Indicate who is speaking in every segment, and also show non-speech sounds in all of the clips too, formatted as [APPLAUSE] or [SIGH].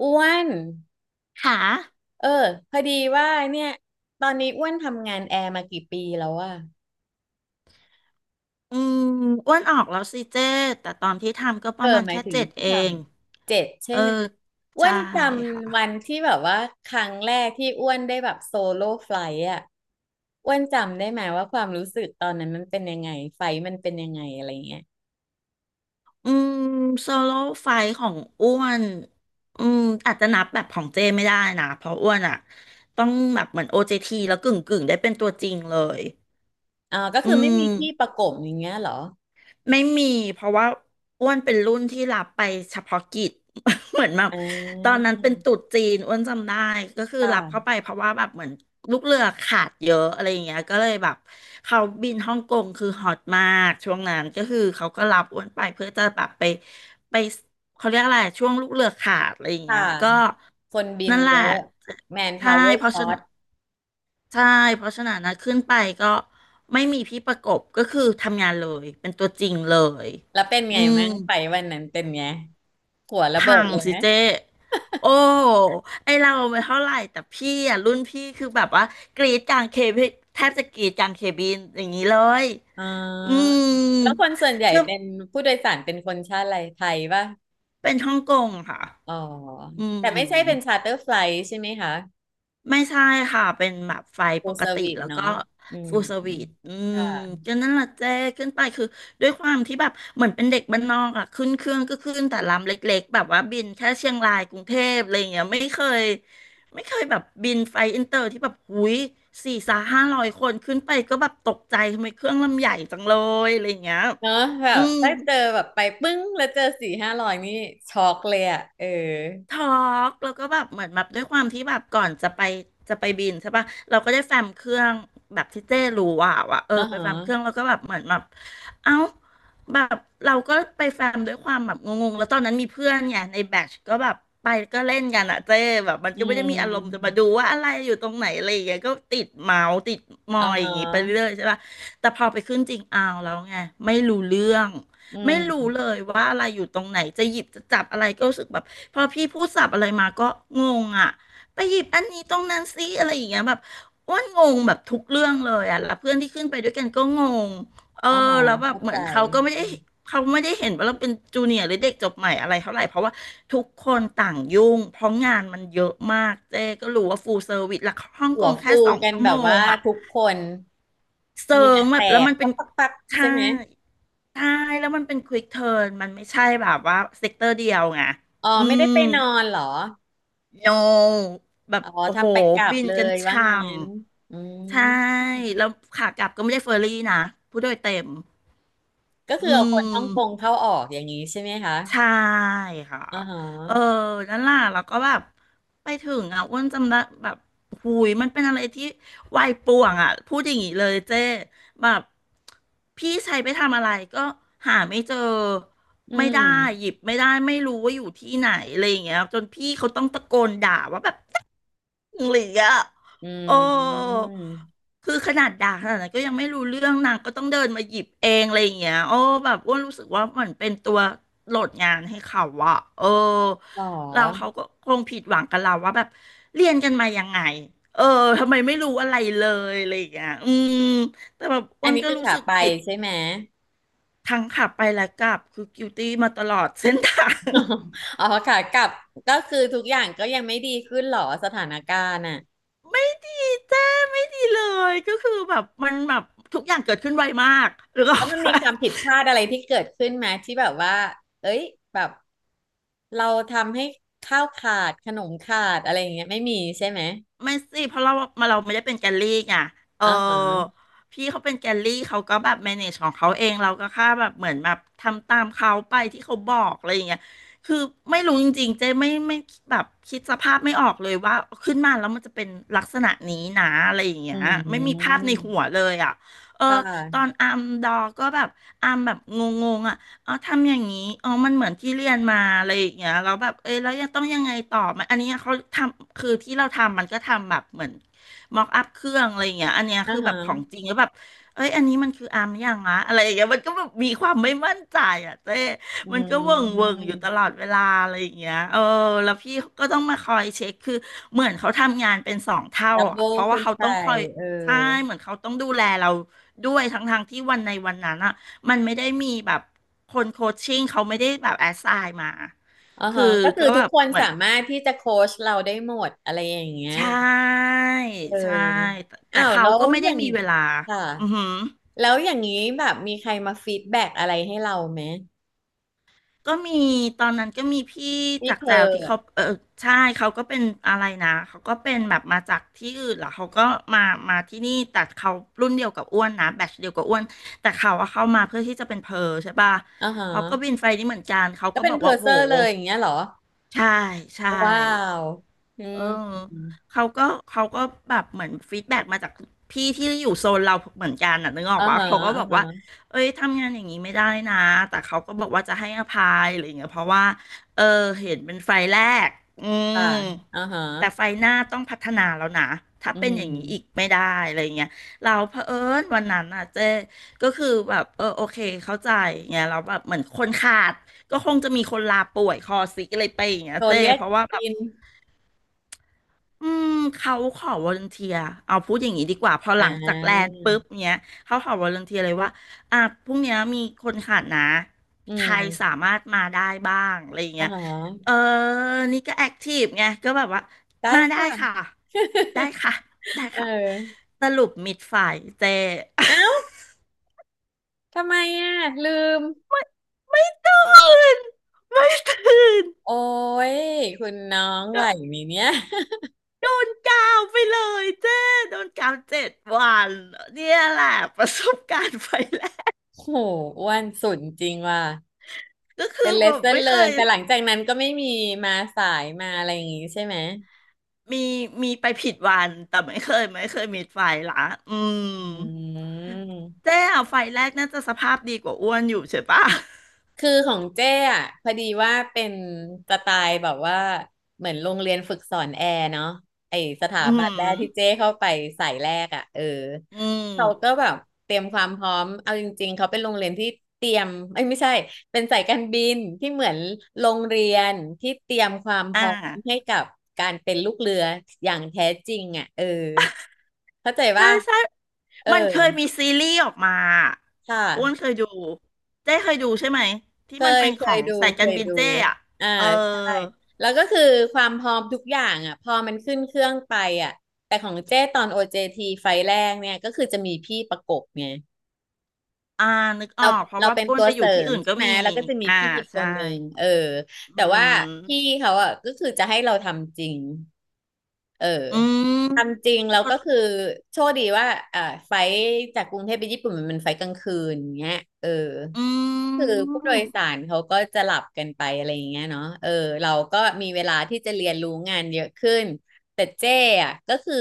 Speaker 1: อ้วน
Speaker 2: ค่ะ
Speaker 1: เออพอดีว่าเนี่ยตอนนี้อ้วนทำงานแอร์มากี่ปีแล้วอะ
Speaker 2: อืมอ้วนออกแล้วสิเจ้แต่ตอนที่ทำก็ประมาณ
Speaker 1: หมาย
Speaker 2: แค่
Speaker 1: ถึง
Speaker 2: เจ็ด
Speaker 1: ที่
Speaker 2: เอ
Speaker 1: ท
Speaker 2: ง
Speaker 1: ำเจ็ดใช่
Speaker 2: เออ
Speaker 1: ไหมอ้ว
Speaker 2: ใช่
Speaker 1: นจ
Speaker 2: ค่ะ
Speaker 1: ำวันที่แบบว่าครั้งแรกที่อ้วนได้แบบโซโล่ไฟล์อะอ้วนจำได้ไหมว่าความรู้สึกตอนนั้นมันเป็นยังไงไฟล์มันเป็นยังไงอะไรเงี้ย
Speaker 2: อืมโซโล่ไฟท์ของอ้วนอืมอาจจะนับแบบของเจ้ไม่ได้นะ เพราะอ้วนอ่ะต้องแบบเหมือน OJT แล้วกึ่งได้เป็นตัวจริงเลย
Speaker 1: อ๋อก็
Speaker 2: อื
Speaker 1: คือไม่มีที่ประ
Speaker 2: ม
Speaker 1: กบอย่างเงี้ยเหรอ
Speaker 2: ไม่มีเพราะว่าอ้วนเป็นรุ่นที่รับไปเฉพาะกิจ [LAUGHS] เหมือนแบบ
Speaker 1: อ่
Speaker 2: ตอน
Speaker 1: า
Speaker 2: นั้นเป็นตรุษจีนอ้วนจำได้ก็คือรับเข้า
Speaker 1: ค่ะ
Speaker 2: ไปเพราะว่าแบบเหมือนลูกเรือขาดเยอะอะไรอย่างเงี้ยก็เลยแบบเขาบินฮ่องกงคือฮอตมากช่วงนั้นก็คือเขาก็รับอ้วนไปเพื่อจะแบบไปเขาเรียกอะไรช่วงลูกเรือขาดอะไรอย่าง
Speaker 1: ค่ะ
Speaker 2: เงี้ยก็
Speaker 1: คนบิน
Speaker 2: นั่นแห
Speaker 1: เย
Speaker 2: ละ
Speaker 1: อะแมนพา
Speaker 2: ใช่
Speaker 1: วเวอร์
Speaker 2: เพราะ
Speaker 1: ช็อ
Speaker 2: ฉะ
Speaker 1: ต
Speaker 2: นั้น ใช่เพราะฉะนั้นนะขึ้นไปก็ไม่มีพี่ประกบก็คือทำงานเลยเป็นตัวจริงเลย
Speaker 1: แล้วเป็น
Speaker 2: อื
Speaker 1: ไง
Speaker 2: ม
Speaker 1: มั่งไฟวันนั้นเป็นไงหัวระเบิ
Speaker 2: พั
Speaker 1: ด
Speaker 2: ง
Speaker 1: เลยไหม
Speaker 2: สิเจ๊โอ้ไอเราไม่เท่าไหร่แต่พี่อ่ะรุ่นพี่คือแบบว่ากรีดกลางเคบินแทบจะกรีดกลางเคบินอย่างนี้เลย
Speaker 1: อ๋อ
Speaker 2: อืม
Speaker 1: แล้วคนส่วนใหญ่
Speaker 2: คือ
Speaker 1: เป็นผู้โดยสารเป็นคนชาติอะไรไทยป่ะ
Speaker 2: เป็นฮ่องกงค่ะ
Speaker 1: อ๋อ
Speaker 2: อื
Speaker 1: แต่
Speaker 2: ม
Speaker 1: ไม่ใช่เป็นชาร์เตอร์ไฟล์ใช่ไหมคะ
Speaker 2: ไม่ใช่ค่ะ เป็นแบบไฟ
Speaker 1: ฟู
Speaker 2: ป
Speaker 1: ล
Speaker 2: ก
Speaker 1: เซอร์
Speaker 2: ติ
Speaker 1: วิส
Speaker 2: แล้วก็
Speaker 1: เนาะอืม
Speaker 2: ฟูลสวีทอื
Speaker 1: ค
Speaker 2: ม
Speaker 1: ่ะ
Speaker 2: ก็นั่นแหละเจ้ขึ้นไปคือด้วยความที่แบบเหมือนเป็นเด็กบ้านนอกอ่ะขึ้นเครื่องก็ขึ้นแต่ลำเล็กๆแบบว่าบินแค่เชียงรายกรุงเทพอะไรอย่างเงี้ยไม่เคยแบบบินไฟอินเตอร์ที่แบบหุยสี่สาห้าร้อยคนขึ้นไปก็แบบตกใจทำไมเครื่องลำใหญ่จังเลยอะไรอย่างเงี้ย
Speaker 1: เนาะแบ
Speaker 2: อื
Speaker 1: บ
Speaker 2: ม
Speaker 1: ถ้าเจอแบบไปปึ้งแล้วเจอสี่ห้าร้อยนี่ช็อกเลยอ่ะเออ
Speaker 2: ทอล์กแล้วก็แบบเหมือนแบบด้วยความที่แบบก่อนจะไปบินใช่ปะเราก็ได้แฟ้มเครื่องแบบที่เจ้รู้ว่าว่ะเออ
Speaker 1: อ่า
Speaker 2: ไป
Speaker 1: ฮะ
Speaker 2: แฟ้มเครื่องแล้วก็แบบเหมือนแบบเอ้าแบบเราก็ไปแฟ้มด้วยความแบบงงๆแล้วตอนนั้นมีเพื่อนเนี่ยในแบชก็แบบไปก็เล่นกันอะเจ้แบบมัน
Speaker 1: อื
Speaker 2: ก็ไม่ได้มีอารมณ์จะมา
Speaker 1: ม
Speaker 2: ดูว่าอะไรอยู่ตรงไหนอะไรอย่างเงี้ยก็ติดเมาส์ติดมอ
Speaker 1: อ่า
Speaker 2: ยอ
Speaker 1: ฮะ
Speaker 2: ย่างงี้ไปเรื่อยๆใช่ปะแต่พอไปขึ้นจริงเอาแล้วไงไม่รู้เรื่อง
Speaker 1: อื
Speaker 2: ไม่
Speaker 1: ม
Speaker 2: รู้เลยว่าอะไรอยู่ตรงไหนจะหยิบจะจับอะไรก็รู้สึกแบบพอพี่พูดศัพท์อะไรมาก็งงอ่ะไปหยิบอันนี้ตรงนั้นซิอะไรอย่างเงี้ยแบบอ้วนงงแบบทุกเรื่องเลยอ่ะแล้วเพื่อนที่ขึ้นไปด้วยกันก็งงเออ
Speaker 1: อ่าฮะ
Speaker 2: แล้วแบบ
Speaker 1: เข้า
Speaker 2: เห
Speaker 1: ใจ
Speaker 2: มือนเขาไม่ได้เห็นว่าเราเป็นจูเนียร์หรือเด็กจบใหม่อะไรเท่าไหร่เพราะว่าทุกคนต่างยุ่งเพราะงานมันเยอะมากเจ๊ก็รู้ว่าฟูลเซอร์วิสหลักฮ่อง
Speaker 1: หั
Speaker 2: ก
Speaker 1: ว
Speaker 2: งแค่
Speaker 1: ฟู
Speaker 2: สอง
Speaker 1: กัน
Speaker 2: ชั่ว
Speaker 1: แบ
Speaker 2: โม
Speaker 1: บ
Speaker 2: ง
Speaker 1: ว่า
Speaker 2: อ่ะ
Speaker 1: ทุกคน
Speaker 2: เซิ
Speaker 1: เหงื่อ
Speaker 2: งแบ
Speaker 1: แต
Speaker 2: บแล้ว
Speaker 1: ก
Speaker 2: มันเป็
Speaker 1: ปั
Speaker 2: น
Speaker 1: กปักปัก
Speaker 2: ใช่
Speaker 1: ใช่ไหม
Speaker 2: ใช่แล้วมันเป็นควิกเทิร์นมันไม่ใช่แบบว่าเซกเตอร์เดียวไง
Speaker 1: อ๋อ
Speaker 2: อื
Speaker 1: ไม่ได้
Speaker 2: ม
Speaker 1: ไปนอนเหรอ
Speaker 2: โนแบบ
Speaker 1: อ๋อ
Speaker 2: โอ้โห
Speaker 1: ทำไปกลับ
Speaker 2: บิน
Speaker 1: เล
Speaker 2: กัน
Speaker 1: ยว่า
Speaker 2: ช่
Speaker 1: งั้นอืม
Speaker 2: ำใช่แล้วขากลับก็ไม่ได้เฟอร์รี่นะผู้โดยเต็ม
Speaker 1: ก็คื
Speaker 2: อื
Speaker 1: อเอาคนฮ่องกง
Speaker 2: ม
Speaker 1: เข้าออกอย่างนี้ใช่ไหมคะ
Speaker 2: ใช่ค่ะ
Speaker 1: อ๋อฮ
Speaker 2: เออ
Speaker 1: ะ
Speaker 2: นั่นล่ะแล้วก็แบบไปถึงอ่ะอ้วนจำได้แบบหูยมันเป็นอะไรที่วัยป่วงอ่ะ พูดอย่างนี้เลยเจ้แบบพี่ใช้ไปทำอะไรก็หาไม่เจอ
Speaker 1: อื
Speaker 2: ไม่ได้ห
Speaker 1: ม
Speaker 2: ยิบไม่ได้ไม่รู้ว่าอยู่ที่ไหนอะไรอย่างเงี้ยจนพี่เขาต้องตะโกนด่าว่าแบบ หรืออ่ะ
Speaker 1: อื
Speaker 2: โอ้
Speaker 1: ม
Speaker 2: คือขนาดด่าขนาดนั้นก็ยังไม่รู้เรื่องนางก็ต้องเดินมาหยิบเองอะไรอย่างเงี้ยโอ้แบบอ้วนรู้สึกว่าเหมือนเป็นตัวโหลดงานให้เขาอะเออ
Speaker 1: หร
Speaker 2: เราเขา
Speaker 1: อ
Speaker 2: ก็คงผิดหวังกับเราว่าแบบเรียนกันมายังไง เออทำไมไม่รู้อะไรเลยอะไรอย่างเงี้ยอืมแต่แบบอ้
Speaker 1: อั
Speaker 2: ว
Speaker 1: น
Speaker 2: น
Speaker 1: นี้
Speaker 2: ก็
Speaker 1: คือ
Speaker 2: รู้
Speaker 1: ขา
Speaker 2: สึก
Speaker 1: ไป
Speaker 2: ผิด
Speaker 1: ใช่ไหม
Speaker 2: ทั้งขับไปและกลับคือ guilty มาตลอดเส้นทาง
Speaker 1: [LAUGHS] อ๋อขากลับก็คือทุกอย่างก็ยังไม่ดีขึ้นเหรอสถานการณ์อ่ะ
Speaker 2: ไม่ดีเจ้ไม่ดีเลยก็คือแบบมันแบบทุกอย่างเกิดขึ้นไวมากหรือก็
Speaker 1: แล้
Speaker 2: [LAUGHS]
Speaker 1: วมันมีความผิดพลาดอะไรที่เกิดขึ้นไหมที่แบบว่าเอ้ยแบบเราทำให้ข้าวขาดขนมขาดอะไรอย่างเงี้ยไม่มีใช่ไหม
Speaker 2: ไม่สิเพราะเรามาเราไม่ได้เป็นแกลลี่ไงเออ
Speaker 1: อ่าฮะ
Speaker 2: พี่เขาเป็นแกลลี่เขาก็แบบ manage ของเขาเองเราก็แค่แบบเหมือนแบบทำตามเขาไปที่เขาบอกอะไรอย่างเงี้ยคือไม่รู้จริงๆเจ๊ไม่แบบคิดสภาพไม่ออกเลยว่าขึ้นมาแล้วมันจะเป็นลักษณะนี้นะอะไรอย่าง
Speaker 1: อื
Speaker 2: เงี้ยไม่มีภาพ
Speaker 1: ม
Speaker 2: ในหัวเลยอ่ะเออ
Speaker 1: ค่ะ
Speaker 2: ตอนอาร์มดอก็แบบอาร์มแบบงงๆอ่ะ อ๋อทำอย่างนี้อ๋อมันเหมือนที่เรียนมาอะไรอย่างเงี้ยแล้วแบบเอ้ยแล้วยังต้องยังไงต่อมันอันนี้เขาทำคือที่เราทำมันก็ทำแบบเหมือนม็อกอัพเครื่องอะไรอย่างเงี้ยอันเนี้ย
Speaker 1: อ่า
Speaker 2: คือแบ
Speaker 1: ฮะ
Speaker 2: บของจริงแล้วแบบเอ้ยอันนี้มันคืออาร์มยังอะอะไรอย่างเงี้ยมันก็แบบมีความไม่มั่นใจอ่ะเจ้
Speaker 1: อื
Speaker 2: มันก็เวิงเวิง
Speaker 1: ม
Speaker 2: อยู่ตลอดเวลาอะไรอย่างเงี้ยเออแล้วพี่ก็ต้องมาคอยเช็คคือเหมือนเขาทำงานเป็นสองเท่า
Speaker 1: ดับ
Speaker 2: อ่ะ
Speaker 1: เบิล
Speaker 2: เพราะว่า
Speaker 1: ขึ้น
Speaker 2: เขา
Speaker 1: ไป
Speaker 2: ต้องคอย
Speaker 1: เออ
Speaker 2: ใช่เหมือนเขาต้องดูแลเราด้วยทั้งทางที่วันในวันนั้นอะ มันไม่ได้มีแบบคนโคชชิ่งเขาไม่ได้แบบแอสไซน์มา
Speaker 1: อ่า
Speaker 2: คือ
Speaker 1: ฮะก็คื
Speaker 2: ก็
Speaker 1: อทุ
Speaker 2: แบ
Speaker 1: ก
Speaker 2: บ
Speaker 1: คน
Speaker 2: เหมือ
Speaker 1: สา
Speaker 2: น
Speaker 1: มารถที่จะโค้ชเราได้หมดอะไรอย่างเงี้ย
Speaker 2: ใช่
Speaker 1: เออ
Speaker 2: ใช่แต่
Speaker 1: อ้าว
Speaker 2: เขา
Speaker 1: แล้ว
Speaker 2: ก็ไม่
Speaker 1: อ
Speaker 2: ได้
Speaker 1: ย่าง
Speaker 2: มีเวลา
Speaker 1: ค่ะ
Speaker 2: อือหือ
Speaker 1: แล้วอย่างนี้แบบมีใครมาฟีดแบ็กอะไรให้เราไหม
Speaker 2: ก็มีตอนนั้นก็มีพี่
Speaker 1: พี่
Speaker 2: จาก
Speaker 1: เพ
Speaker 2: แจ
Speaker 1: อ
Speaker 2: วที่เขาเออใช่เขาก็เป็นอะไรนะเขาก็เป็นแบบมาจากที่อื่นเหรอเขาก็มามาที่นี่แต่เขารุ่นเดียวกับอ้วนนะแบทเดียวกับอ้วนแต่เขาอะเข้ามาเพื่อที่จะเป็นเพอร์ใช่ป่ะ
Speaker 1: อ่าฮะ
Speaker 2: เขาก็บินไฟนี้เหมือนกันเขา
Speaker 1: ก็
Speaker 2: ก็
Speaker 1: เป็
Speaker 2: บ
Speaker 1: น
Speaker 2: อก
Speaker 1: เพอ
Speaker 2: ว่า
Speaker 1: ร์เซ
Speaker 2: โห
Speaker 1: อร์เลยอย่างเงี้ยเหรอ
Speaker 2: ใช่ใช่
Speaker 1: ว้าวอื
Speaker 2: เออ
Speaker 1: ม
Speaker 2: เขาก็เขาก็แบบเหมือนฟีดแบ็กมาจากพี่ที่อยู่โซนเราเหมือนกันน่ะนึกออก
Speaker 1: อ่า
Speaker 2: ปะ
Speaker 1: ฮะ
Speaker 2: เขาก็
Speaker 1: อ่า
Speaker 2: บอก
Speaker 1: ฮะ
Speaker 2: ว่าเอ้ยทำงานอย่างนี้ไม่ได้นะแต่เขาก็บอกว่าจะให้อภัยอะไรอย่างเงี้ยเพราะว่าเออเห็นเป็นไฟแรกอืม
Speaker 1: ค่ะอ่าฮะ
Speaker 2: แต่ไฟหน้าต้องพัฒนาแล้วนะถ้า
Speaker 1: อื
Speaker 2: เป็นอย่างนี้อีก
Speaker 1: ม
Speaker 2: ไม่ได้อะไราเงี้ยเราเผอิญวันนั้นน่ะเจ๊ก็คือแบบเออโอเคเข้าใจเงี้ยเราแล้วแบบเหมือนคนขาดก็คงจะมีคนลาป่วยคอสิกอะไรไปอย่างเงี้ย
Speaker 1: โทร
Speaker 2: เจ๊
Speaker 1: เรียก
Speaker 2: เพราะว่าแบบ
Speaker 1: อิน
Speaker 2: อืมเขาขอวอลันเทียเอาพูดอย่างนี้ดีกว่าพอห
Speaker 1: อ่
Speaker 2: ลังจากแล
Speaker 1: า
Speaker 2: นด์ปุ๊บเนี้ยเขาขอวอลันเทียเลยว่าอ่ะพรุ่งเนี้ยมีคนขาดนะ
Speaker 1: อื
Speaker 2: ใครสา
Speaker 1: ม
Speaker 2: มารถมาได้บ้างอะไรอย่าง
Speaker 1: อ่า
Speaker 2: เงี้ย
Speaker 1: ฮ
Speaker 2: เอ
Speaker 1: ะ
Speaker 2: อนี่ก็แอคทีฟไงก็แบบว่า
Speaker 1: ได้
Speaker 2: มาได้ค่ะ
Speaker 1: ค่ะ
Speaker 2: ได้ค่ะได้
Speaker 1: เอ
Speaker 2: ค่ะ
Speaker 1: อ
Speaker 2: สรุปมิดฝ่ายเจ [LAUGHS]
Speaker 1: เอ้าทำไมอ่ะลืม
Speaker 2: ไม่ตื่นไม่ตื่น
Speaker 1: โอ้ยคุณน้องไหว
Speaker 2: ก็
Speaker 1: ไหมเนี่ย
Speaker 2: โดนกาวไปเลยเจ้โดนกาวเจ็ดวันเนี่ยแหละประสบการณ์ไฟแล
Speaker 1: [LAUGHS] โหอ้วนสุดจริงว่ะ
Speaker 2: ก็คื
Speaker 1: เป็
Speaker 2: อ
Speaker 1: นเล
Speaker 2: แบ
Speaker 1: ส
Speaker 2: บ
Speaker 1: เ o อร์
Speaker 2: ไม่
Speaker 1: เลิ
Speaker 2: เค
Speaker 1: น
Speaker 2: ย
Speaker 1: แต่หลังจากนั้นก็ไม่มีมาสายมาอะไรอย่างงี้ใช่ไหม
Speaker 2: มีมีไปผิดวันแต่ไม่เคยมีไฟละอืม
Speaker 1: อืม
Speaker 2: เจ๊อะไฟแรกน่าจะสภาพดีกว่าอ้วนอยู่ใช่ปะ
Speaker 1: คือของเจ้อ่ะพอดีว่าเป็นสไตล์แบบว่าเหมือนโรงเรียนฝึกสอนแอร์เนาะไอสถา
Speaker 2: อื
Speaker 1: บัน
Speaker 2: ม
Speaker 1: แรกที่เจ้เข้าไปสายแรกอ่ะ
Speaker 2: อื
Speaker 1: เขาก็
Speaker 2: ม
Speaker 1: แบบเตรียมความพร้อมเอาจริงๆเขาเป็นโรงเรียนที่เตรียมเอ้ยไม่ใช่เป็นสายการบินที่เหมือนโรงเรียนที่เตรียมความพ
Speaker 2: อ่
Speaker 1: ร้อมให้
Speaker 2: า
Speaker 1: กับการเป็นลูกเรืออย่างแท้จริงอ่ะเข้าใจ
Speaker 2: ใช่
Speaker 1: ว่า
Speaker 2: ใช่
Speaker 1: เออ
Speaker 2: มันเคยมีซีรีส์ออกมา
Speaker 1: ค่
Speaker 2: อ้วนเค
Speaker 1: ะ
Speaker 2: ยดูเจ๊เคยดูใช่ไหมที่
Speaker 1: เค
Speaker 2: มัน
Speaker 1: ย
Speaker 2: เป็น
Speaker 1: เค
Speaker 2: ขอ
Speaker 1: ย
Speaker 2: ง
Speaker 1: ดู
Speaker 2: สาย
Speaker 1: เค
Speaker 2: การ
Speaker 1: ย
Speaker 2: บิน
Speaker 1: ดู
Speaker 2: เจ๊อะ
Speaker 1: อ่า
Speaker 2: เออ
Speaker 1: ใช่แล้วก็คือความพร้อมทุกอย่างอ่ะพอมันขึ้นเครื่องไปอ่ะแต่ของเจ้ตอน OJT ไฟล์แรกเนี่ยก็คือจะมีพี่ประกบไง
Speaker 2: อ่านึกอ
Speaker 1: เรา
Speaker 2: อกเพราะ
Speaker 1: เรา
Speaker 2: ว่า
Speaker 1: เป็น
Speaker 2: อ้วน
Speaker 1: ตัว
Speaker 2: ไปอ
Speaker 1: เส
Speaker 2: ยู่
Speaker 1: ริ
Speaker 2: ที่
Speaker 1: ม
Speaker 2: อื่น
Speaker 1: ใช่
Speaker 2: ก็
Speaker 1: ไหม
Speaker 2: มี
Speaker 1: แล้วก็จะมี
Speaker 2: อ่า
Speaker 1: พี่อีกค
Speaker 2: ใช่
Speaker 1: นหนึ่งแต่
Speaker 2: อื
Speaker 1: ว่าพี่
Speaker 2: ม
Speaker 1: เขาอ่ะก็คือจะให้เราทำจริงเออ
Speaker 2: อืม
Speaker 1: ทำจริงแล้วก็คือโชคดีว่าไฟล์จากกรุงเทพไปญี่ปุ่นมันเป็นไฟล์กลางคืนอย่างเงี้ยเออ
Speaker 2: อื
Speaker 1: คือผู้โดยสา
Speaker 2: ม
Speaker 1: รเขาก็จะหลับกันไปอะไรอย่างเงี้ยเนาะเราก็มีเวลาที่จะเรียนรู้งานเยอะขึ้น แต่เจ้อะก็คือ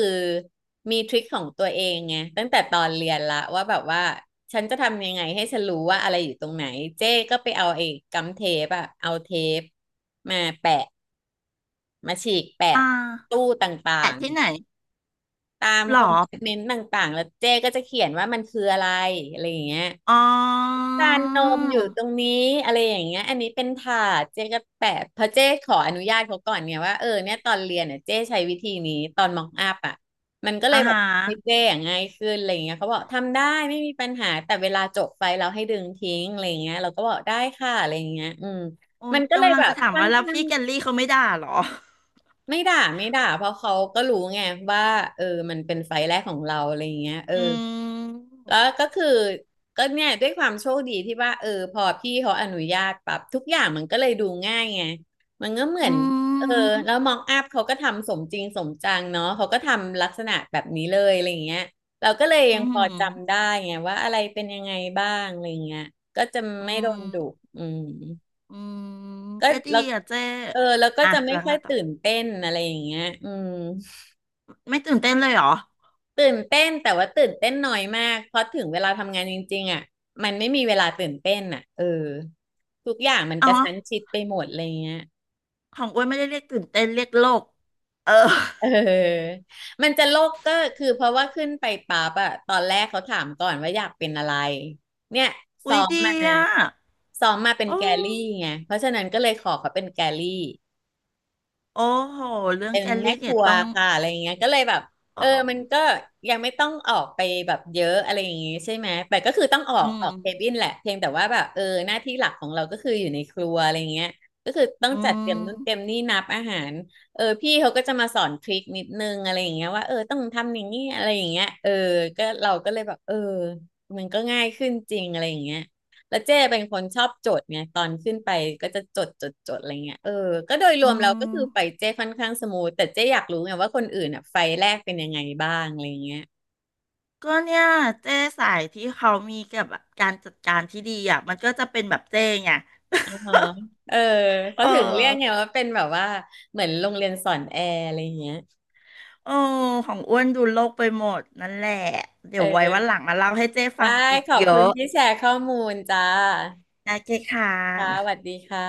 Speaker 1: มีทริคของตัวเองไงตั้งแต่ตอนเรียนละว่าแบบว่าฉันจะทำยังไงให้ฉันรู้ว่าอะไรอยู่ตรงไหนเจ้ก็ไปเอาไอ้กัมเทปอะเอาเทปมาแปะมาฉีกแปะ
Speaker 2: อ่า
Speaker 1: ตู้ต่า
Speaker 2: แต่
Speaker 1: ง
Speaker 2: ที่ไหน
Speaker 1: ๆตาม
Speaker 2: หร
Speaker 1: คอ
Speaker 2: อ
Speaker 1: มเมนต์ต่างๆแล้วเจ้ก็จะเขียนว่ามันคืออะไรอะไรอย่างเงี้ย
Speaker 2: อ๋อ
Speaker 1: จานนมอยู่ตรงนี้อะไรอย่างเงี้ยอันนี้เป็นถาดเจ๊ก็แปะเพราะเจ๊ขออนุญาตเขาก่อนเนี่ยว่าเนี่ยตอนเรียนเนี่ยเจ๊ใช้วิธีนี้ตอนมองอัพอ่ะมันก็เล
Speaker 2: อ่า
Speaker 1: ยแบบ
Speaker 2: ฮะ
Speaker 1: ให้เจ๊อย่างง่ายขึ้นอะไรอย่างเงี้ยเขาบอกทำได้ไม่มีปัญหาแต่เวลาจบไฟเราให้ดึงทิ้งอะไรอย่างเงี้ยเราก็บอกได้ค่ะอะไรอย่างเงี้ยอืม
Speaker 2: โอ้
Speaker 1: มั
Speaker 2: ย
Speaker 1: นก็เลย
Speaker 2: กำลัง
Speaker 1: แบบ
Speaker 2: จะถาม
Speaker 1: ค่อน
Speaker 2: ว่าแล้ว
Speaker 1: ข้าง
Speaker 2: พี่แกลลี่เขาไม่ด่าเหรอ
Speaker 1: ไม่ด่าไม่ด่าเพราะเขาก็รู้ไงว่าเออมันเป็นไฟล์แรกของเราอะไรอย่างเงี้ย
Speaker 2: อืม
Speaker 1: แล้วก็คือก็เนี่ยด้วยความโชคดีที่ว่าพอพี่เขาอนุญาตปรับทุกอย่างมันก็เลยดูง่ายไงมันก็เหมื
Speaker 2: อื
Speaker 1: อนเออ
Speaker 2: ม
Speaker 1: แล้วมองอัพเขาก็ทำสมจริงสมจังเนาะเขาก็ทำลักษณะแบบนี้เลยอะไรอย่างเงี้ยเราก็เลย
Speaker 2: อื
Speaker 1: ยังพ
Speaker 2: ม
Speaker 1: อจำได้ไงว่าอะไรเป็นยังไงบ้างอะไรอย่างเงี้ยก็จะ
Speaker 2: อื
Speaker 1: ไม่โด
Speaker 2: ม
Speaker 1: นดุอืม
Speaker 2: อืม
Speaker 1: ก็
Speaker 2: ก็ดี
Speaker 1: แล้ว
Speaker 2: อ่ะเจ๊
Speaker 1: แล้วก็
Speaker 2: อ่ะ
Speaker 1: จะไม่
Speaker 2: แล้ว
Speaker 1: ค่อ
Speaker 2: ไง
Speaker 1: ย
Speaker 2: ต่อ
Speaker 1: ตื่นเต้นอะไรอย่างเงี้ยอืม
Speaker 2: ไม่ตื่นเต้นเลยเหรอ
Speaker 1: ตื่นเต้นแต่ว่าตื่นเต้นน้อยมากเพราะถึงเวลาทำงานจริงๆอ่ะมันไม่มีเวลาตื่นเต้นอ่ะทุกอย่างมัน
Speaker 2: อ๋
Speaker 1: ก
Speaker 2: อ
Speaker 1: ระชั้นชิดไปหมดอะไรเงี้ย
Speaker 2: ของอ้วนไม่ได้เรียกตื่นเต้นเรียกโลกเออ
Speaker 1: เออมันจะโลกก็คือเพราะว่าขึ้นไปปั๊บอะตอนแรกเขาถามก่อนว่าอยากเป็นอะไรเนี่ยซ้
Speaker 2: อุ้
Speaker 1: อ
Speaker 2: ย
Speaker 1: ม
Speaker 2: ดี
Speaker 1: มา
Speaker 2: อ่ะ
Speaker 1: ซ้อมมาเป็น
Speaker 2: โอ
Speaker 1: แกลลี่
Speaker 2: ้
Speaker 1: ไงเพราะฉะนั้นก็เลยขอเขาเป็นแกลลี่
Speaker 2: โอ้โหเรื่อง
Speaker 1: เป็น
Speaker 2: แกล
Speaker 1: แม่
Speaker 2: ลี่
Speaker 1: ค
Speaker 2: เนี่
Speaker 1: รั
Speaker 2: ย
Speaker 1: ว
Speaker 2: ต้อง
Speaker 1: ค่ะอะไรอย่างเงี้ยก็เลยแบบ
Speaker 2: เอ
Speaker 1: มันก็
Speaker 2: อ
Speaker 1: ยังไม่ต้องออกไปแบบเยอะอะไรอย่างงี้ใช่ไหมแต่ก็คือต้องออ
Speaker 2: อื
Speaker 1: กอ
Speaker 2: ม
Speaker 1: อกเคบินแหละเพียงแต่ว่าแบบหน้าที่หลักของเราก็คืออยู่ในครัวอะไรอย่างเงี้ยก็คือต้อง
Speaker 2: อื
Speaker 1: จัดเตรียมนู่นเตรียม
Speaker 2: ม
Speaker 1: นี่นับอาหารพี่เขาก็จะมาสอนทริคนิดนึงอะไรอย่างเงี้ยว่าต้องทำอย่างนี้อะไรอย่างเงี้ยก็เราก็เลยแบบมันก็ง่ายขึ้นจริงอะไรอย่างเงี้ย แล้วเจ้เป็นคนชอบจดไงตอนขึ้นไปก็จะจดจดจดอะไรเงี้ยก็โดยรว
Speaker 2: อื
Speaker 1: มเราก็คือ
Speaker 2: ม
Speaker 1: ไฟเจ้ค่อนข้างสมูทแต่เจ้อยากรู้ไงว่าคนอื่นอ่ะไฟแรกเป็นยังไงบ้างอะไรเงี้ย
Speaker 2: ก็เนี่ยเจ้สายที่เขามีกับแบบการจัดการที่ดีอ่ะมันก็จะเป็นแบบเจ้ไง
Speaker 1: อ๋อเออเขา
Speaker 2: เออ
Speaker 1: ถึงเรียกไงว่าเป็นแบบว่าเหมือนโรงเรียนสอนแอร์อะไรเงี้ย
Speaker 2: เออของอ้วนดูโลกไปหมดนั่นแหละเดี๋ยวไว้วัน
Speaker 1: เออ
Speaker 2: หลังมาเล่าให้เจ้ฟั
Speaker 1: ได้
Speaker 2: งอีก
Speaker 1: ขอบ
Speaker 2: เย
Speaker 1: คุณ
Speaker 2: อะ
Speaker 1: ที่แชร์ข้อมูลจ้า
Speaker 2: นะเจ้ค่ะ
Speaker 1: ค่ะสวัสดีค่ะ